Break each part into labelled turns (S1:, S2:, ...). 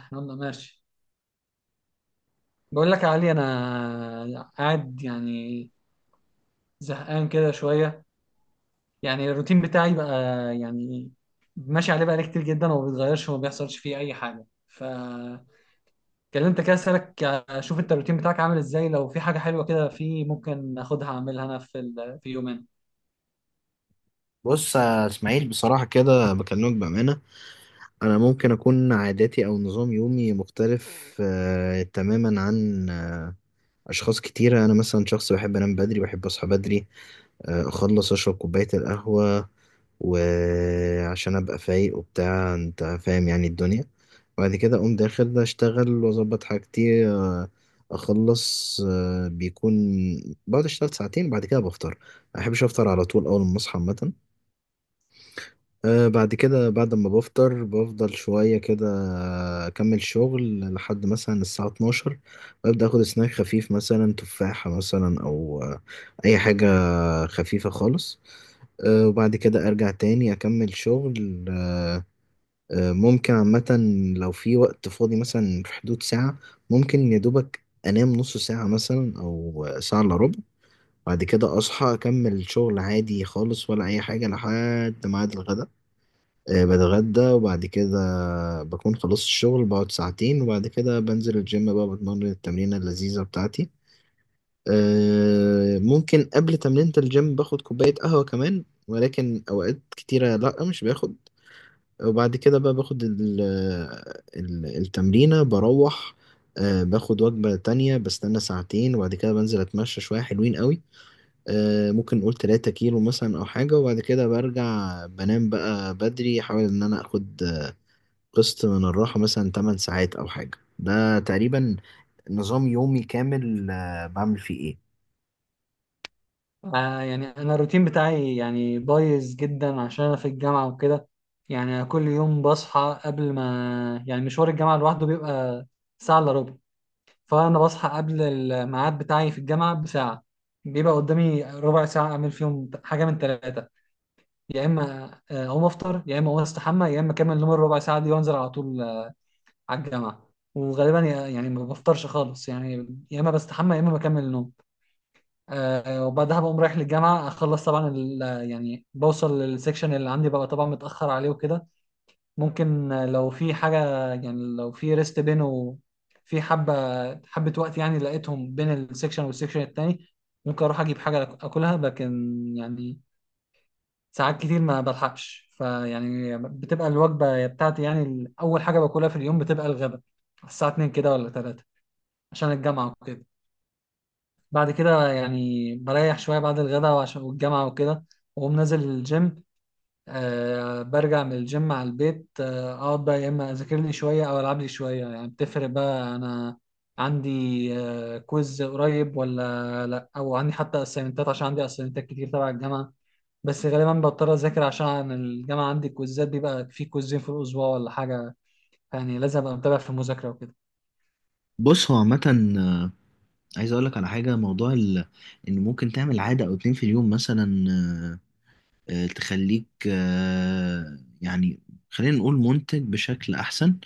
S1: احنا قلنا ماشي. بقول لك يا علي، انا قاعد يعني زهقان كده شويه. يعني الروتين بتاعي بقى، يعني ماشي عليه بقالي كتير جدا، وما بيتغيرش وما بيحصلش فيه اي حاجه. فكلمت كده اسالك اشوف انت الروتين بتاعك عامل ازاي، لو في حاجه حلوه كده في، ممكن اخدها اعملها انا في يومين.
S2: بص يا اسماعيل، بصراحة كده بكلمك بأمانة. أنا ممكن أكون عاداتي أو نظام يومي مختلف تماما عن أشخاص كتيرة. أنا مثلا شخص بحب أنام بدري، بحب أصحى بدري، أخلص أشرب كوباية القهوة وعشان أبقى فايق وبتاع، أنت فاهم يعني الدنيا. بعد كده أقوم داخل أشتغل وأظبط حاجتي. آه أخلص آه بيكون بقعد أشتغل ساعتين، بعد كده بفطر. ما أحبش أفطر على طول أول ما أصحى عامة. بعد كده، بعد ما بفطر، بفضل شوية كده أكمل شغل لحد مثلا الساعة 12، ببدأ أخد سناك خفيف، مثلا تفاحة مثلا أو أي حاجة خفيفة خالص. وبعد كده أرجع تاني أكمل شغل. أه أه ممكن عامة لو في وقت فاضي مثلا في حدود ساعة، ممكن يا دوبك أنام نص ساعة مثلا أو ساعة إلا ربع. بعد كده أصحى أكمل شغل عادي خالص ولا أي حاجة لحد ميعاد الغدا. بتغدى وبعد كده بكون خلصت الشغل، بقعد ساعتين وبعد كده بنزل الجيم بقى، بتمرن التمرينة اللذيذة بتاعتي. ممكن قبل تمرينة الجيم باخد كوباية قهوة كمان، ولكن أوقات كتيرة لأ مش باخد. وبعد كده بقى باخد ال التمرينة، بروح باخد وجبة تانية، بستنى ساعتين وبعد كده بنزل أتمشى شوية حلوين قوي. ممكن نقول 3 كيلو مثلا أو حاجة. وبعد كده برجع بنام بقى بدري، أحاول إن أنا أخد قسط من الراحة، مثلا 8 ساعات أو حاجة. ده تقريبا نظام يومي كامل، بعمل فيه إيه؟
S1: آه، يعني انا الروتين بتاعي يعني بايظ جدا عشان انا في الجامعه وكده. يعني أنا كل يوم بصحى قبل ما، يعني مشوار الجامعه لوحده بيبقى ساعه الا ربع، فانا بصحى قبل الميعاد بتاعي في الجامعه بساعه. بيبقى قدامي ربع ساعه اعمل فيهم حاجه من ثلاثه، يا اما اقوم افطر، يا اما اقوم استحمى، يا اما اكمل نوم الربع ساعه دي وانزل على طول على الجامعه. وغالبا يعني ما بفطرش خالص، يعني يا اما بستحمى يا اما بكمل نوم. وبعدها بقوم رايح للجامعه، اخلص طبعا يعني بوصل للسكشن اللي عندي ببقى طبعا متاخر عليه وكده. ممكن لو في حاجة، يعني لو في ريست بينه، في حبة حبة وقت، يعني لقيتهم بين السكشن والسكشن التاني، ممكن أروح أجيب حاجة أكلها، لكن يعني ساعات كتير ما بلحقش. فيعني بتبقى الوجبة بتاعتي، يعني أول حاجة باكلها في اليوم بتبقى الغداء الساعة 2 كده ولا 3 عشان الجامعة وكده. بعد كده يعني بريح شوية بعد الغداء وعشان والجامعة وكده، وأقوم نازل الجيم. برجع من الجيم على البيت. اقعد بقى يا اما اذاكر لي شويه او العب لي شويه، يعني بتفرق بقى انا عندي كويز قريب ولا لا، او عندي حتى اسايمنتات، عشان عندي اسايمنتات كتير تبع الجامعه. بس غالبا بضطر اذاكر عشان الجامعه عندي كويزات، بيبقى في كويزين في الاسبوع ولا حاجه، يعني لازم ابقى متابع في المذاكره وكده.
S2: بص، هو عامة عايز أقولك على حاجة. إن ممكن تعمل عادة أو اتنين في اليوم مثلا، تخليك يعني، خلينا نقول منتج بشكل أحسن.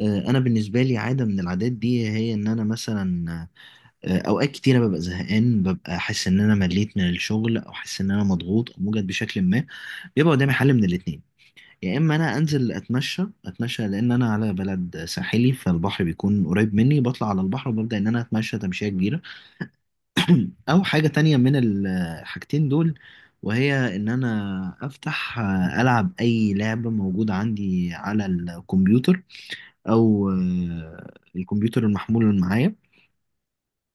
S2: أنا بالنسبة لي، عادة من العادات دي هي إن أنا مثلا أوقات كتيرة ببقى زهقان، ببقى حاسس إن أنا مليت من الشغل، أو حاسس إن أنا مضغوط أو موجد بشكل ما. بيبقى قدامي حل من الاتنين: يا اما انا انزل اتمشى لان انا على بلد ساحلي، فالبحر بيكون قريب مني، بطلع على البحر وببدا ان انا اتمشى تمشيه كبيره. او حاجه تانية من الحاجتين دول، وهي ان انا افتح العب اي لعبه موجوده عندي على الكمبيوتر او الكمبيوتر المحمول اللي معايا.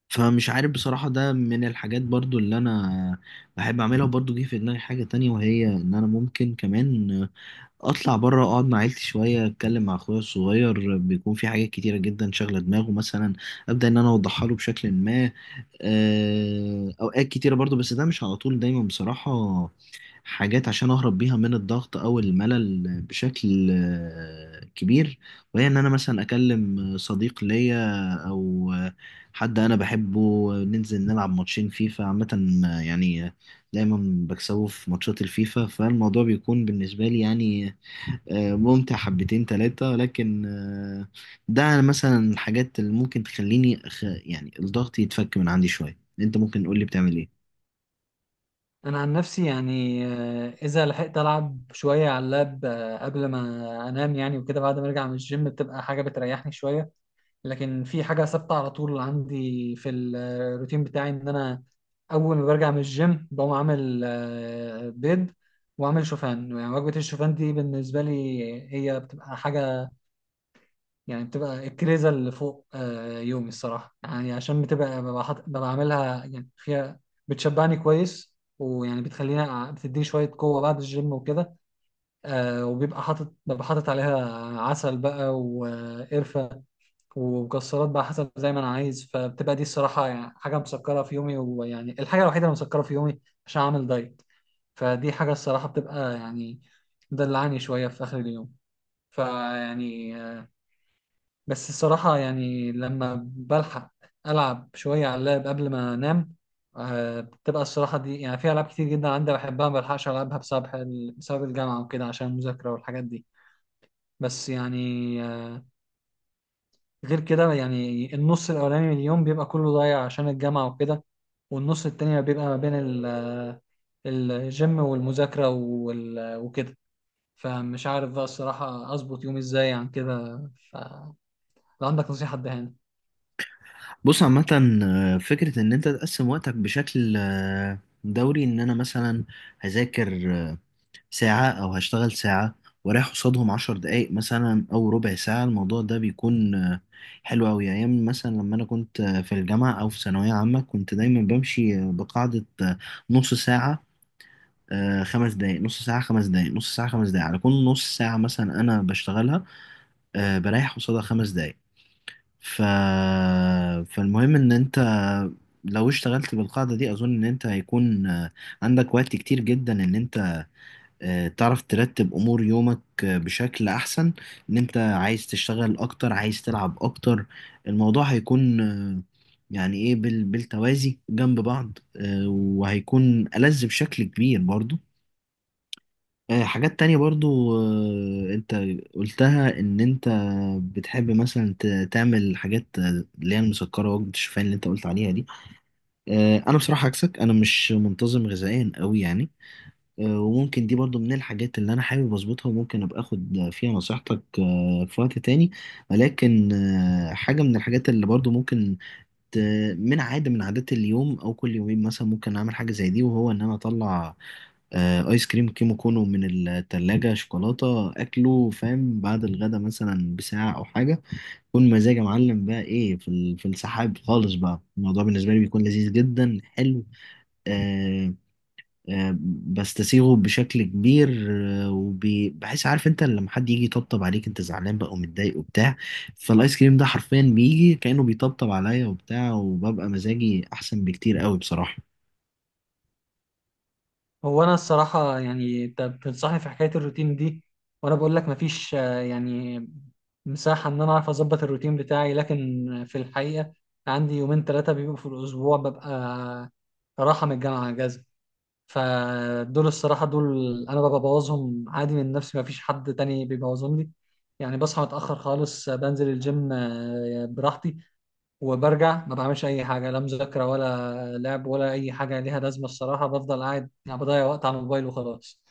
S2: فمش عارف بصراحة، ده من الحاجات برضو اللي أنا بحب أعملها. وبرضو جه في دماغي حاجة تانية، وهي إن أنا ممكن كمان اطلع بره اقعد مع عيلتي شويه، اتكلم مع اخويا الصغير، بيكون في حاجات كتيره جدا شاغله دماغه مثلا، ابدا ان انا اوضحها له بشكل ما. اوقات كتيره برضو، بس ده مش على طول دايما بصراحه. حاجات عشان اهرب بيها من الضغط او الملل بشكل كبير، وهي ان انا مثلا اكلم صديق ليا او حد انا بحبه، ننزل نلعب ماتشين فيفا عامه. يعني دايما بكسبه في ماتشات الفيفا، فالموضوع بيكون بالنسبه لي يعني ممتع حبتين تلاتة. لكن ده مثلا الحاجات اللي ممكن تخليني يعني الضغط يتفك من عندي شوية. انت ممكن تقول لي بتعمل ايه؟
S1: انا عن نفسي يعني، اذا لحقت العب شويه على اللاب قبل ما انام يعني، وكده بعد ما ارجع من الجيم بتبقى حاجه بتريحني شويه. لكن في حاجة ثابتة على طول عندي في الروتين بتاعي، إن أنا أول ما برجع من الجيم بقوم عامل بيض وأعمل شوفان. يعني وجبة الشوفان دي بالنسبة لي هي بتبقى حاجة، يعني بتبقى الكريزة اللي فوق يومي الصراحة. يعني عشان بتبقى ببقى عاملها يعني فيها، بتشبعني كويس، ويعني بتخليني بتديني شوية قوة بعد الجيم وكده. وبيبقى حاطط عليها عسل بقى وقرفة ومكسرات بقى حسب زي ما انا عايز. فبتبقى دي الصراحه، يعني حاجه مسكره في يومي، ويعني الحاجه الوحيده اللي مسكره في يومي عشان اعمل دايت. فدي حاجه الصراحه بتبقى يعني مدلعني شويه في اخر اليوم. فيعني بس الصراحه يعني لما بلحق العب شويه على اللاب قبل ما انام. بتبقى الصراحه دي، يعني في العاب كتير جدا عندي بحبها ما بلحقش العبها بسبب، بسبب الجامعه وكده، عشان المذاكره والحاجات دي. بس يعني غير كده، يعني النص الأولاني من اليوم بيبقى كله ضايع عشان الجامعة وكده، والنص التاني بيبقى ما بين الجيم والمذاكرة وكده. فمش عارف بقى الصراحة أظبط يومي إزاي عن كده. فلو عندك نصيحة اديها لي.
S2: بص عامة، فكرة ان انت تقسم وقتك بشكل دوري، ان انا مثلا هذاكر ساعة او هشتغل ساعة ورايح قصادهم عشر دقايق مثلا او ربع ساعة. الموضوع ده بيكون حلو اوي. ايام مثلا لما انا كنت في الجامعة او في ثانوية عامة، كنت دايما بمشي بقاعدة نص ساعة، خمس دقايق، نص ساعة، خمس دقايق، نص ساعة، خمس دقايق. على كل نص ساعة مثلا أنا بشتغلها، بريح قصادها خمس دقايق. ف... فالمهم، إن أنت لو اشتغلت بالقاعدة دي، أظن إن أنت هيكون عندك وقت كتير جدا إن أنت تعرف ترتب أمور يومك بشكل أحسن. إن أنت عايز تشتغل أكتر، عايز تلعب أكتر، الموضوع هيكون يعني إيه، بالتوازي جنب بعض، وهيكون ألذ بشكل كبير برضو. حاجات تانية برضو، انت قلتها ان انت بتحب مثلا تعمل حاجات اللي هي المسكرة، وجبة الشوفان اللي انت قلت عليها دي. انا بصراحة عكسك، انا مش منتظم غذائيا قوي يعني. وممكن دي برضو من الحاجات اللي انا حابب اظبطها، وممكن ابقى اخد فيها نصيحتك في وقت تاني. ولكن حاجة من الحاجات اللي برضو ممكن ت- من عادات اليوم او كل يومين مثلا، ممكن اعمل حاجة زي دي، وهو ان انا اطلع ايس كريم كيمو كونو من التلاجة، شوكولاتة اكله، فاهم، بعد الغدا مثلا بساعة او حاجة. كون مزاجي يا معلم بقى ايه، في في السحاب خالص بقى. الموضوع بالنسبة لي بيكون لذيذ جدا، حلو. آه آه بستسيغه بشكل كبير. آه، وبحس، عارف انت لما حد يجي يطبطب عليك، انت زعلان بقى ومتضايق وبتاع، فالايس كريم ده حرفيا بيجي كأنه بيطبطب عليا وبتاع، وببقى مزاجي احسن بكتير قوي بصراحة.
S1: هو أنا الصراحة يعني أنت بتنصحني في حكاية الروتين دي، وأنا بقول لك مفيش يعني مساحة إن أنا أعرف أظبط الروتين بتاعي، لكن في الحقيقة عندي يومين ثلاثة بيبقوا في الأسبوع ببقى راحة من الجامعة أجازة. فدول الصراحة، دول أنا ببقى ببوظهم عادي من نفسي، مفيش حد تاني بيبوظهم لي. يعني بصحى متأخر خالص، بنزل الجيم براحتي وبرجع. ما بعملش أي حاجة، لا مذاكرة ولا لعب ولا أي حاجة ليها لازمة. الصراحة بفضل قاعد، يعني بضيع وقت على الموبايل وخلاص.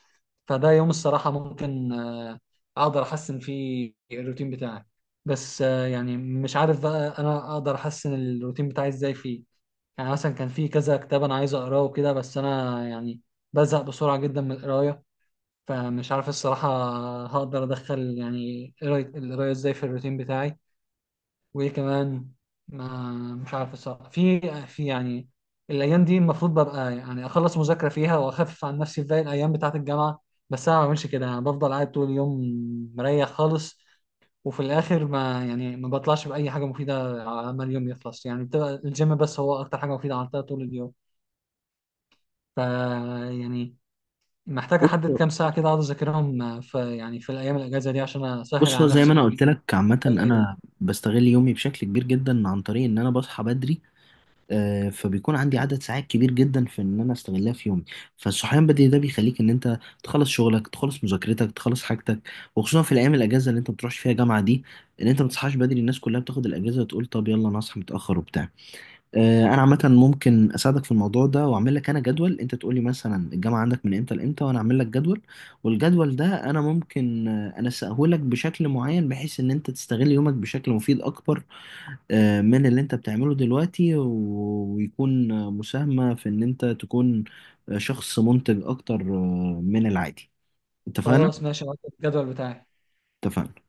S1: فده يوم الصراحة ممكن أقدر أحسن فيه الروتين بتاعي. بس يعني مش عارف بقى أنا أقدر أحسن الروتين بتاعي إزاي فيه. يعني مثلا كان في كذا كتاب انا عايز اقراه وكده، بس انا يعني بزهق بسرعه جدا من القرايه. فمش عارف الصراحه هقدر ادخل يعني القرايه ازاي في الروتين بتاعي. وايه كمان، ما مش عارف الصراحه في يعني الايام دي المفروض ببقى يعني اخلص مذاكره فيها واخفف عن نفسي في باقي الايام بتاعه الجامعه. بس انا ما بعملش كده، انا بفضل قاعد طول اليوم مريح خالص. وفي الاخر ما يعني ما بطلعش باي حاجه مفيده على ما اليوم يخلص. يعني بتبقى الجيم بس هو اكتر حاجه مفيده عملتها طول اليوم. ف يعني محتاج احدد
S2: بص
S1: كام ساعه كده اقعد اذاكرهم في، يعني في الايام الاجازه دي، عشان اسهل
S2: بص هو
S1: على
S2: زي ما انا
S1: نفسي
S2: قلت لك عامه،
S1: باقي
S2: انا
S1: الأيام.
S2: بستغل يومي بشكل كبير جدا عن طريق ان انا بصحى بدري. فبيكون عندي عدد ساعات كبير جدا في ان انا استغلها في يومي. فالصحيان بدري ده بيخليك ان انت تخلص شغلك، تخلص مذاكرتك، تخلص حاجتك. وخصوصا في الايام الاجازه اللي انت ما بتروحش فيها جامعه دي، ان انت ما تصحاش بدري. الناس كلها بتاخد الاجازه وتقول طب يلا انا اصحى متاخر وبتاع. انا عامه ممكن اساعدك في الموضوع ده، واعمل لك انا جدول. انت تقول لي مثلا الجامعه عندك من امتى لامتى، وانا اعمل لك جدول. والجدول ده انا ممكن انسقه لك بشكل معين، بحيث ان انت تستغل يومك بشكل مفيد اكبر من اللي انت بتعمله دلوقتي، ويكون مساهمه في ان انت تكون شخص منتج اكتر من العادي. اتفقنا؟
S1: خلاص ماشي، هحط الجدول بتاعي.
S2: اتفقنا.